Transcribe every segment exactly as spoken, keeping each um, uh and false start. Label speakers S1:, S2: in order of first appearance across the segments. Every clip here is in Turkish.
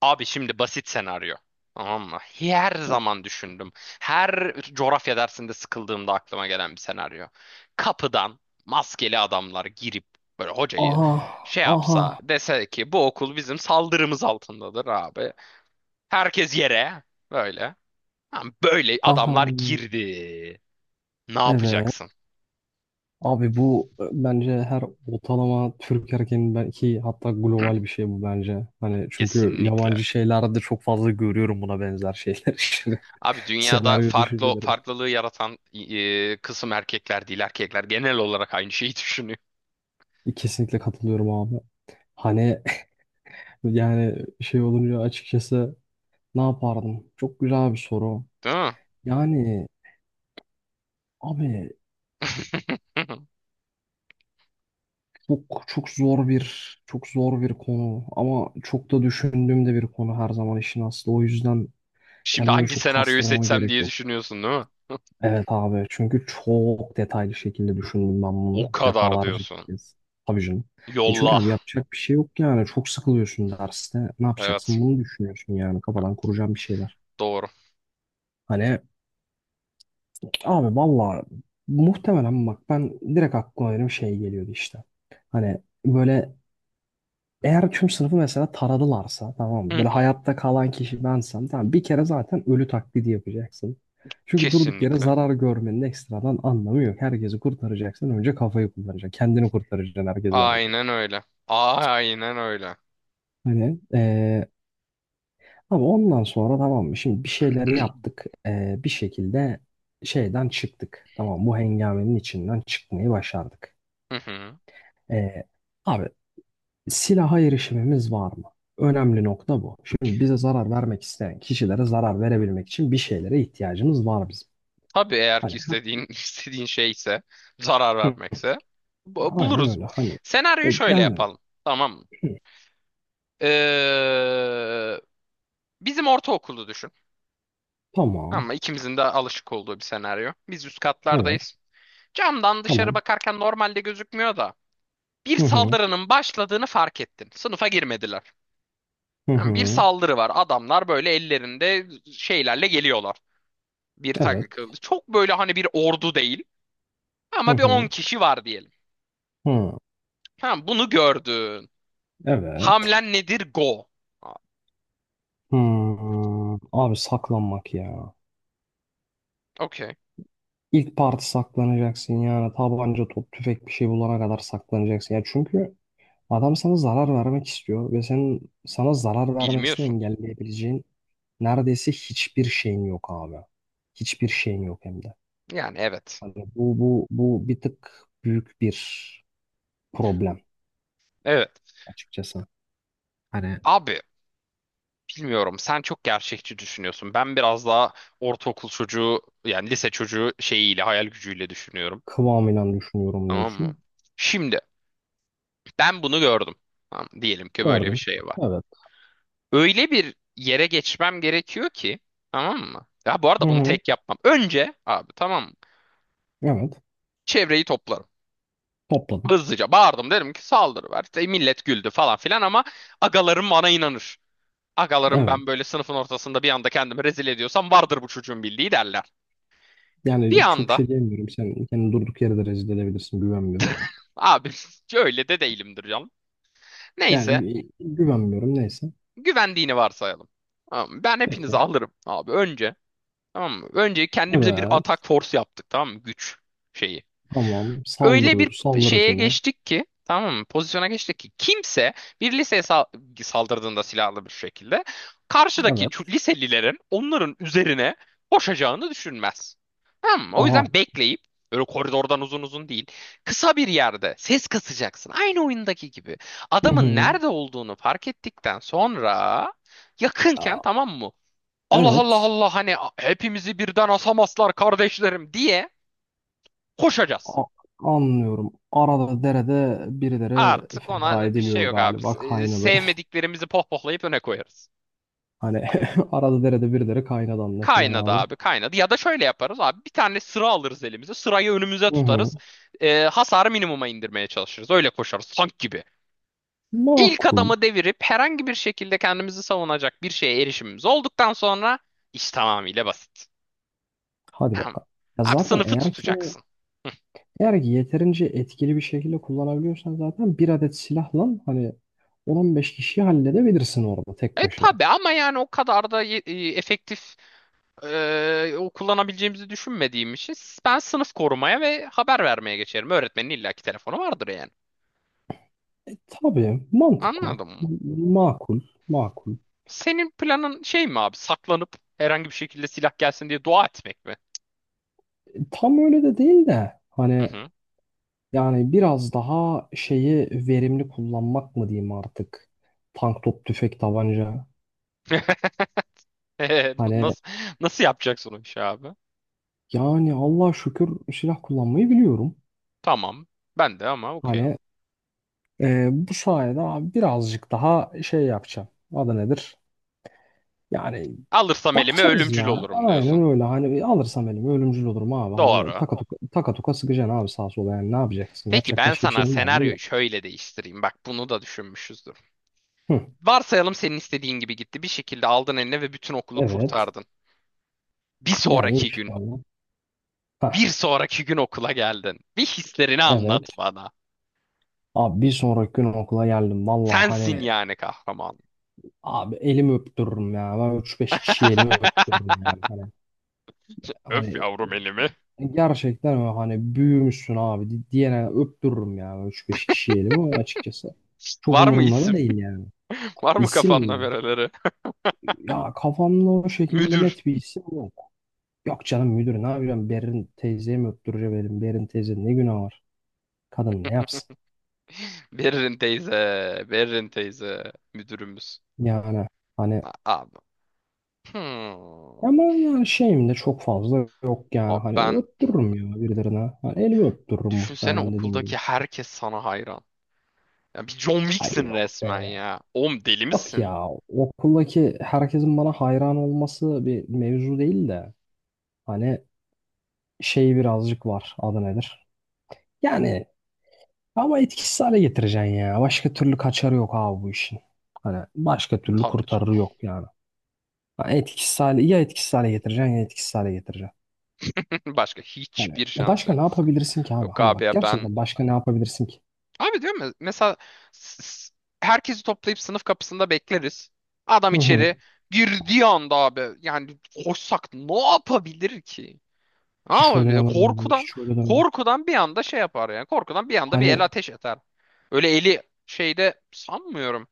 S1: Abi şimdi basit senaryo. Tamam mı? Her zaman düşündüm. Her coğrafya dersinde sıkıldığımda aklıma gelen bir senaryo. Kapıdan maskeli adamlar girip böyle hocayı
S2: Aha,
S1: şey
S2: aha,
S1: yapsa dese ki bu okul bizim saldırımız altındadır abi. Herkes yere böyle. Ha, böyle
S2: aha.
S1: adamlar girdi. Ne
S2: Evet.
S1: yapacaksın?
S2: Abi bu e, bence her ortalama Türk erkeğinin belki hatta global bir şey bu bence. Hani çünkü
S1: Kesinlikle.
S2: yabancı şeylerde çok fazla görüyorum buna benzer şeyler işte.
S1: Abi dünyada
S2: Senaryo
S1: farklı
S2: düşünceleri.
S1: farklılığı yaratan e, kısım erkekler değil. Erkekler genel olarak aynı şeyi düşünüyor.
S2: Kesinlikle katılıyorum abi. Hani yani şey olunca açıkçası ne yapardım? Çok güzel bir soru.
S1: Değil mi?
S2: Yani abi çok çok zor bir çok zor bir konu ama çok da düşündüğüm de bir konu her zaman işin aslı. O yüzden
S1: Şimdi
S2: kendimi
S1: hangi
S2: çok
S1: senaryoyu
S2: kastırmama
S1: seçsem
S2: gerek
S1: diye
S2: yok.
S1: düşünüyorsun, değil mi?
S2: Evet abi çünkü çok detaylı şekilde düşündüm ben bunu
S1: O kadar
S2: defalarca
S1: diyorsun.
S2: kez. Tabii canım. E çünkü
S1: Yolla.
S2: abi yapacak bir şey yok yani. Çok sıkılıyorsun derste. Ne
S1: Evet.
S2: yapacaksın? Bunu düşünüyorsun yani. Kafadan kuracağım bir şeyler.
S1: Doğru.
S2: Hani abi valla muhtemelen bak ben direkt aklıma benim şey geliyordu işte. Hani böyle eğer tüm sınıfı mesela taradılarsa tamam
S1: Hı
S2: mı? Böyle
S1: hı.
S2: hayatta kalan kişi bensem tamam, bir kere zaten ölü taklidi yapacaksın. Çünkü durduk yere
S1: Kesinlikle.
S2: zarar görmenin ekstradan anlamı yok. Herkesi kurtaracaksın, önce kafayı kullanacaksın. Kendini kurtaracaksın herkesten önce.
S1: Aynen öyle. Aynen öyle.
S2: Hani eee, ama ondan sonra tamam mı? Şimdi bir şeyleri yaptık. Eee, bir şekilde şeyden çıktık. Tamam, bu hengamenin içinden çıkmayı başardık.
S1: Hı hı.
S2: Ee, abi silaha erişimimiz var mı? Önemli nokta bu. Şimdi bize zarar vermek isteyen kişilere zarar verebilmek için bir şeylere ihtiyacımız var bizim.
S1: Tabii eğer
S2: Hani
S1: ki
S2: ha,
S1: istediğin istediğin şeyse, zarar
S2: hı,
S1: vermekse bu-
S2: aynen
S1: buluruz.
S2: öyle. Hani e,
S1: Senaryoyu şöyle
S2: yani
S1: yapalım. Tamam mı?
S2: hı,
S1: Ee, bizim ortaokulu düşün.
S2: tamam.
S1: Ama ikimizin de alışık olduğu bir senaryo. Biz üst
S2: Evet.
S1: katlardayız. Camdan dışarı
S2: Tamam.
S1: bakarken normalde gözükmüyor da bir
S2: Hı hı.
S1: saldırının başladığını fark ettin. Sınıfa girmediler.
S2: Hı
S1: Yani bir
S2: hı.
S1: saldırı var. Adamlar böyle ellerinde şeylerle geliyorlar. Bir
S2: Evet.
S1: takı çok böyle hani bir ordu değil
S2: Hı
S1: ama bir on
S2: hı.
S1: kişi var diyelim.
S2: Hı.
S1: Tamam bunu gördün.
S2: Evet.
S1: Hamlen nedir? Go. Aa,
S2: Hı. Abi saklanmak ya.
S1: okey.
S2: İlk parti saklanacaksın yani tabanca, top, tüfek bir şey bulana kadar saklanacaksın. Ya çünkü adam sana zarar vermek istiyor ve senin sana zarar vermesini
S1: Bilmiyorsun.
S2: engelleyebileceğin neredeyse hiçbir şeyin yok abi. Hiçbir şeyin yok hem de.
S1: Yani evet.
S2: Hani bu bu bu bir tık büyük bir problem
S1: Evet.
S2: açıkçası. Hani
S1: Abi bilmiyorum, sen çok gerçekçi düşünüyorsun. Ben biraz daha ortaokul çocuğu yani lise çocuğu şeyiyle, hayal gücüyle düşünüyorum.
S2: kıvamıyla düşünüyorum
S1: Tamam mı?
S2: diyorsun.
S1: Şimdi ben bunu gördüm. Tamam, diyelim ki böyle bir
S2: Gördün.
S1: şey var.
S2: Evet.
S1: Öyle bir yere geçmem gerekiyor ki, tamam mı? Ya bu
S2: Hı
S1: arada bunu
S2: hı.
S1: tek yapmam. Önce abi, tamam mı?
S2: Evet.
S1: Çevreyi toplarım.
S2: Topladın.
S1: Hızlıca bağırdım, derim ki saldırı var. İşte millet güldü falan filan ama agalarım bana inanır. Agalarım,
S2: Evet.
S1: ben böyle sınıfın ortasında bir anda kendimi rezil ediyorsam vardır bu çocuğun bildiği, derler. Bir
S2: Yani çok bir
S1: anda
S2: şey diyemiyorum. Sen kendini durduk yere de rezil edebilirsin. Güvenmiyorum.
S1: abi öyle de değilimdir canım.
S2: Yani
S1: Neyse,
S2: gü- güvenmiyorum. Neyse.
S1: güvendiğini varsayalım. Tamam mı? Ben hepinizi
S2: Peki.
S1: alırım abi önce. Tamam mı? Önce kendimize bir
S2: Evet.
S1: atak force yaptık, tamam mı? Güç şeyi.
S2: Tamam.
S1: Öyle bir
S2: Saldırıyoruz. Saldırı
S1: şeye
S2: timi.
S1: geçtik ki, tamam mı? Pozisyona geçtik ki kimse bir liseye sal- saldırdığında silahlı bir şekilde karşıdaki çu-
S2: Evet.
S1: liselilerin onların üzerine koşacağını düşünmez. Tamam mı? O
S2: Aha.
S1: yüzden bekleyip öyle koridordan uzun uzun değil. Kısa bir yerde ses kasacaksın. Aynı oyundaki gibi.
S2: Hı
S1: Adamın
S2: hı.
S1: nerede olduğunu fark ettikten sonra, yakınken,
S2: Aa,
S1: tamam mı? Allah Allah
S2: evet.
S1: Allah, hani hepimizi birden asamazlar kardeşlerim diye koşacağız.
S2: A- anlıyorum. Arada derede birileri
S1: Artık
S2: feda
S1: ona bir şey
S2: ediliyor
S1: yok abi.
S2: galiba
S1: Se-
S2: kaynadı.
S1: Sevmediklerimizi pohpohlayıp öne koyarız.
S2: Hani arada derede birileri kaynadı anlaşılan
S1: Kaynadı
S2: abi.
S1: abi, kaynadı. Ya da şöyle yaparız abi, bir tane sıra alırız elimize. Sırayı önümüze
S2: Hı hı.
S1: tutarız. Ee, hasarı minimuma indirmeye çalışırız. Öyle koşarız tank gibi. İlk
S2: Makul.
S1: adamı devirip herhangi bir şekilde kendimizi savunacak bir şeye erişimimiz olduktan sonra iş tamamıyla basit.
S2: Hadi
S1: Tamam.
S2: bakalım. Ya
S1: Abi
S2: zaten
S1: sınıfı
S2: eğer ki
S1: tutacaksın.
S2: eğer ki yeterince etkili bir şekilde kullanabiliyorsan zaten bir adet silahla hani on beş kişiyi halledebilirsin orada tek
S1: Evet
S2: başına.
S1: tabii, ama yani o kadar da e, efektif. Ee, o kullanabileceğimizi düşünmediğim için ben sınıf korumaya ve haber vermeye geçerim. Öğretmenin illaki telefonu vardır yani.
S2: E, tabii mantıklı.
S1: Anladın mı?
S2: M- makul. Makul.
S1: Senin planın şey mi abi? Saklanıp herhangi bir şekilde silah gelsin diye dua etmek mi?
S2: E, tam öyle de değil de
S1: Hı
S2: hani
S1: hı.
S2: yani biraz daha şeyi verimli kullanmak mı diyeyim artık? Tank, top, tüfek, tabanca.
S1: Ee,
S2: Hani
S1: Nasıl nasıl yapacaksın o işi abi?
S2: yani Allah şükür silah kullanmayı biliyorum.
S1: Tamam. Ben de ama okey.
S2: Hani e, bu sayede abi birazcık daha şey yapacağım. Adı nedir? Yani
S1: Alırsam elime
S2: bakacağız
S1: ölümcül
S2: ya.
S1: olurum diyorsun.
S2: Aynen öyle. Hani alırsam elimi ölümcül olurum abi. Hani
S1: Doğru.
S2: taka tuka, taka tuka sıkacaksın abi sağa sola. Yani ne yapacaksın?
S1: Peki
S2: Yapacak
S1: ben
S2: başka bir
S1: sana
S2: şeyin var mı?
S1: senaryoyu
S2: Yok.
S1: şöyle değiştireyim. Bak bunu da düşünmüşüzdür.
S2: Hı.
S1: Varsayalım senin istediğin gibi gitti. Bir şekilde aldın eline ve bütün okulu
S2: Evet.
S1: kurtardın. Bir
S2: Yani
S1: sonraki gün,
S2: inşallah. Ha.
S1: bir sonraki gün okula geldin. Bir hislerini
S2: Evet.
S1: anlat bana.
S2: Abi bir sonraki gün okula geldim. Vallahi
S1: Sensin
S2: hani
S1: yani kahraman.
S2: abi elimi öptürürüm ya. Ben üç beş kişiyi elimi öptürürüm yani. Hani,
S1: Öf
S2: hani
S1: yavrum elimi.
S2: gerçekten öyle hani büyümüşsün abi di- diyene öptürürüm ya üç beş kişiyi elimi ama açıkçası. Çok
S1: Var mı
S2: umurumda da
S1: isim?
S2: değil yani.
S1: Var mı
S2: İsim
S1: kafanda
S2: mi?
S1: bereleri?
S2: Ya kafamda o şekilde
S1: Müdür.
S2: net bir isim yok. Yok canım, müdür ne yapacağım? Berin teyzeye mi öptüreceğim elim? Berin teyze ne günah var? Kadın ne yapsın?
S1: Berin teyze. Berin teyze. Müdürümüz.
S2: Yani hani
S1: Abi. Hmm.
S2: ama yani şeyim de çok fazla yok yani
S1: Abi
S2: hani
S1: ben,
S2: öptürürüm ya birilerine. Hani elimi öptürürüm
S1: düşünsene
S2: muhtemelen dediğim gibi.
S1: okuldaki herkes sana hayran. Ya bir John
S2: Ay
S1: Wick'sin
S2: yok be.
S1: resmen ya. Oğlum deli
S2: Yok
S1: misin?
S2: ya, okuldaki herkesin bana hayran olması bir mevzu değil de hani şey birazcık var adı nedir? Yani ama etkisiz hale getireceksin ya. Başka türlü kaçarı yok abi bu işin. Hani başka türlü
S1: Tabii
S2: kurtarırı
S1: canım.
S2: yok yani. Hani etkisiz hale, ya etkisiz hale getireceksin ya etkisiz hale getireceksin.
S1: Başka
S2: Hani
S1: hiçbir
S2: e
S1: şansı
S2: başka
S1: yok.
S2: ne yapabilirsin ki abi?
S1: Yok
S2: Hani
S1: abi
S2: bak
S1: ya ben.
S2: gerçekten başka ne yapabilirsin ki?
S1: Abi diyorum ya, mesela s- s- herkesi toplayıp sınıf kapısında bekleriz. Adam
S2: Hı hı.
S1: içeri girdiği anda abi yani koşsak ne yapabilir ki?
S2: Hiç öyle
S1: Abi
S2: demem abi.
S1: korkudan,
S2: Hiç öyle demem.
S1: korkudan bir anda şey yapar yani, korkudan bir anda bir el
S2: Hani
S1: ateş eder. Öyle eli şeyde sanmıyorum.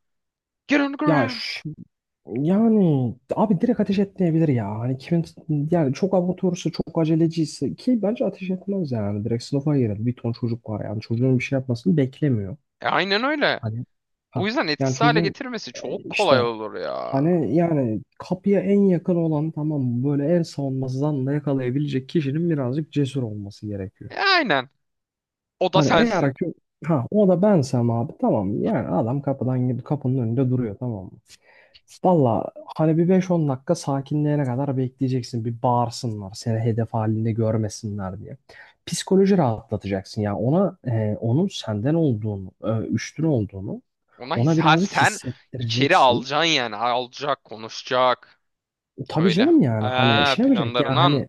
S1: Get on the
S2: ya
S1: ground.
S2: ş- yani abi direkt ateş etmeyebilir ya. Hani kimin yani çok amatörse çok aceleciyse ki bence ateş etmez yani. Direkt sınıfa girer. Bir ton çocuk var yani. Çocuğun bir şey yapmasını beklemiyor.
S1: E, aynen öyle.
S2: Hani
S1: O
S2: ha
S1: yüzden
S2: yani
S1: etkisiz hale
S2: çocuğun
S1: getirmesi
S2: e,
S1: çok kolay
S2: işte
S1: olur ya.
S2: hani yani kapıya en yakın olan tamam mı? Böyle en savunmasız anda yakalayabilecek kişinin birazcık cesur olması gerekiyor.
S1: E, aynen. O da
S2: Hani
S1: sensin.
S2: eğer ki ha o da bensem abi tamam, yani adam kapıdan gidip kapının önünde duruyor tamam mı? Valla hani bir beş on dakika sakinleyene kadar bekleyeceksin. Bir bağırsınlar, seni hedef halinde görmesinler diye. Psikoloji rahatlatacaksın ya ona e, onun senden olduğunu, e, üstün olduğunu
S1: Ona his
S2: ona
S1: ha,
S2: birazcık
S1: sen içeri
S2: hissettireceksin.
S1: alacaksın yani. Alacak, konuşacak.
S2: Tabii
S1: Öyle.
S2: canım, yani hani
S1: Ha,
S2: şey yapacak ya
S1: planlarından.
S2: hani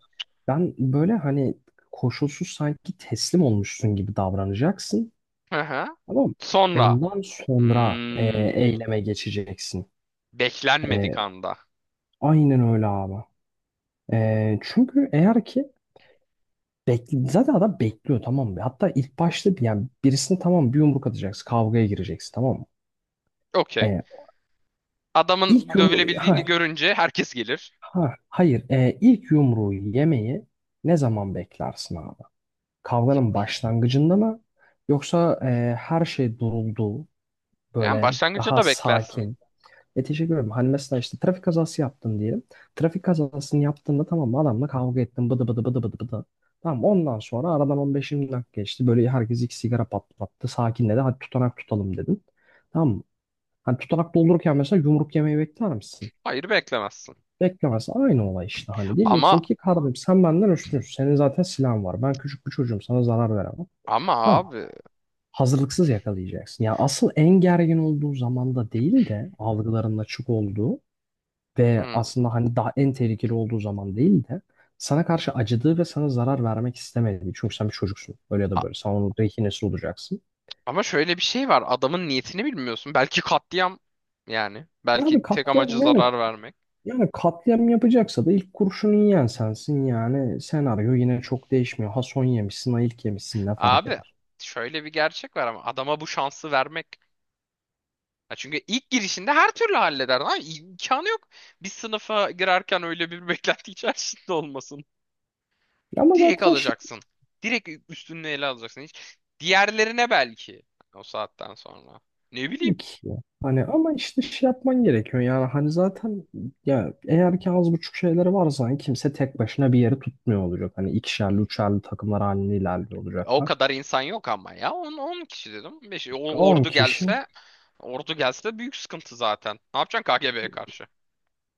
S2: ben böyle hani koşulsuz sanki teslim olmuşsun gibi davranacaksın.
S1: Hı hı.
S2: Tamam mı?
S1: Sonra.
S2: Ondan sonra e,
S1: Hmm,
S2: eyleme geçeceksin.
S1: beklenmedik
S2: E,
S1: anda.
S2: aynen öyle abi. E, çünkü eğer ki bekle, zaten adam bekliyor tamam mı? Hatta ilk başta bir- yani birisine tamam, bir yumruk atacaksın. Kavgaya gireceksin tamam mı?
S1: Okey.
S2: E, ilk
S1: Adamın
S2: yumru ha,
S1: dövülebildiğini görünce herkes gelir.
S2: ha, hayır. E, ilk yumruğu yemeyi ne zaman beklersin abi? Kavganın başlangıcında mı? Yoksa e, her şey duruldu
S1: Yani
S2: böyle
S1: başlangıçta
S2: daha
S1: da beklersin.
S2: sakin? E teşekkür ederim. Hani mesela işte trafik kazası yaptın diyelim. Trafik kazasını yaptığında tamam mı, adamla kavga ettin bıdı bıdı bıdı bıdı bıdı. Tamam, ondan sonra aradan on beş yirmi dakika geçti. Böyle herkes iki sigara patlattı. Sakinledi. Hadi tutanak tutalım dedin. Tamam mı? Hani tutanak doldururken mesela yumruk yemeyi bekler misin?
S1: Hayır beklemezsin.
S2: Beklemez. Aynı olay işte hani.
S1: Ama
S2: Diyeceksin ki kardeşim sen benden üstünsün. Senin zaten silahın var. Ben küçük bir çocuğum. Sana zarar veremem.
S1: ama
S2: Tamam mı?
S1: abi.
S2: Hazırlıksız yakalayacaksın. Ya asıl en gergin olduğu zamanda değil de algıların açık olduğu ve
S1: hmm,
S2: aslında hani daha en tehlikeli olduğu zaman değil de sana karşı acıdığı ve sana zarar vermek istemediği. Çünkü sen bir çocuksun. Öyle ya da
S1: a-
S2: böyle. Sen onun rehinesi olacaksın.
S1: ama şöyle bir şey var. Adamın niyetini bilmiyorsun. Belki katliam yani.
S2: Ya abi
S1: Belki tek amacı
S2: katliam yani
S1: zarar vermek.
S2: yani katliam yapacaksa da ilk kurşunu yiyen sensin yani senaryo yine çok değişmiyor. Ha son yemişsin ha ilk yemişsin ne fark
S1: Abi
S2: eder.
S1: şöyle bir gerçek var ama adama bu şansı vermek. Ya çünkü ilk girişinde her türlü halleder. Lan imkanı yok. Bir sınıfa girerken öyle bir beklenti içerisinde olmasın.
S2: Ama
S1: Direkt
S2: zaten şey
S1: alacaksın. Direkt üstünü ele alacaksın. Hiç diğerlerine, belki o saatten sonra. Ne bileyim.
S2: değil ki ya. Hani ama işte şey yapman gerekiyor yani hani zaten ya eğer ki az buçuk şeyleri varsa hani kimse tek başına bir yeri tutmuyor olacak. Hani ikişerli üçerli takımlar halinde ilerliyor
S1: O
S2: olacaklar.
S1: kadar insan yok ama ya. on on kişi dedim. Beş-
S2: On
S1: ordu
S2: kişi.
S1: gelse, ordu gelse büyük sıkıntı zaten. Ne yapacaksın K G B'ye karşı?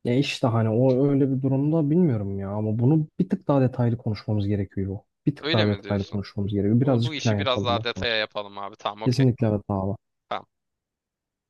S2: Ya işte hani o öyle bir durumda bilmiyorum ya, ama bunu bir tık daha detaylı konuşmamız gerekiyor. Bir tık
S1: Öyle
S2: daha
S1: mi
S2: detaylı
S1: diyorsun?
S2: konuşmamız gerekiyor.
S1: Bunu bu
S2: Birazcık plan
S1: işi biraz
S2: yapalım
S1: daha
S2: da
S1: detaya yapalım abi. Tamam, okey.
S2: kesinlikle evet abi.
S1: Tamam.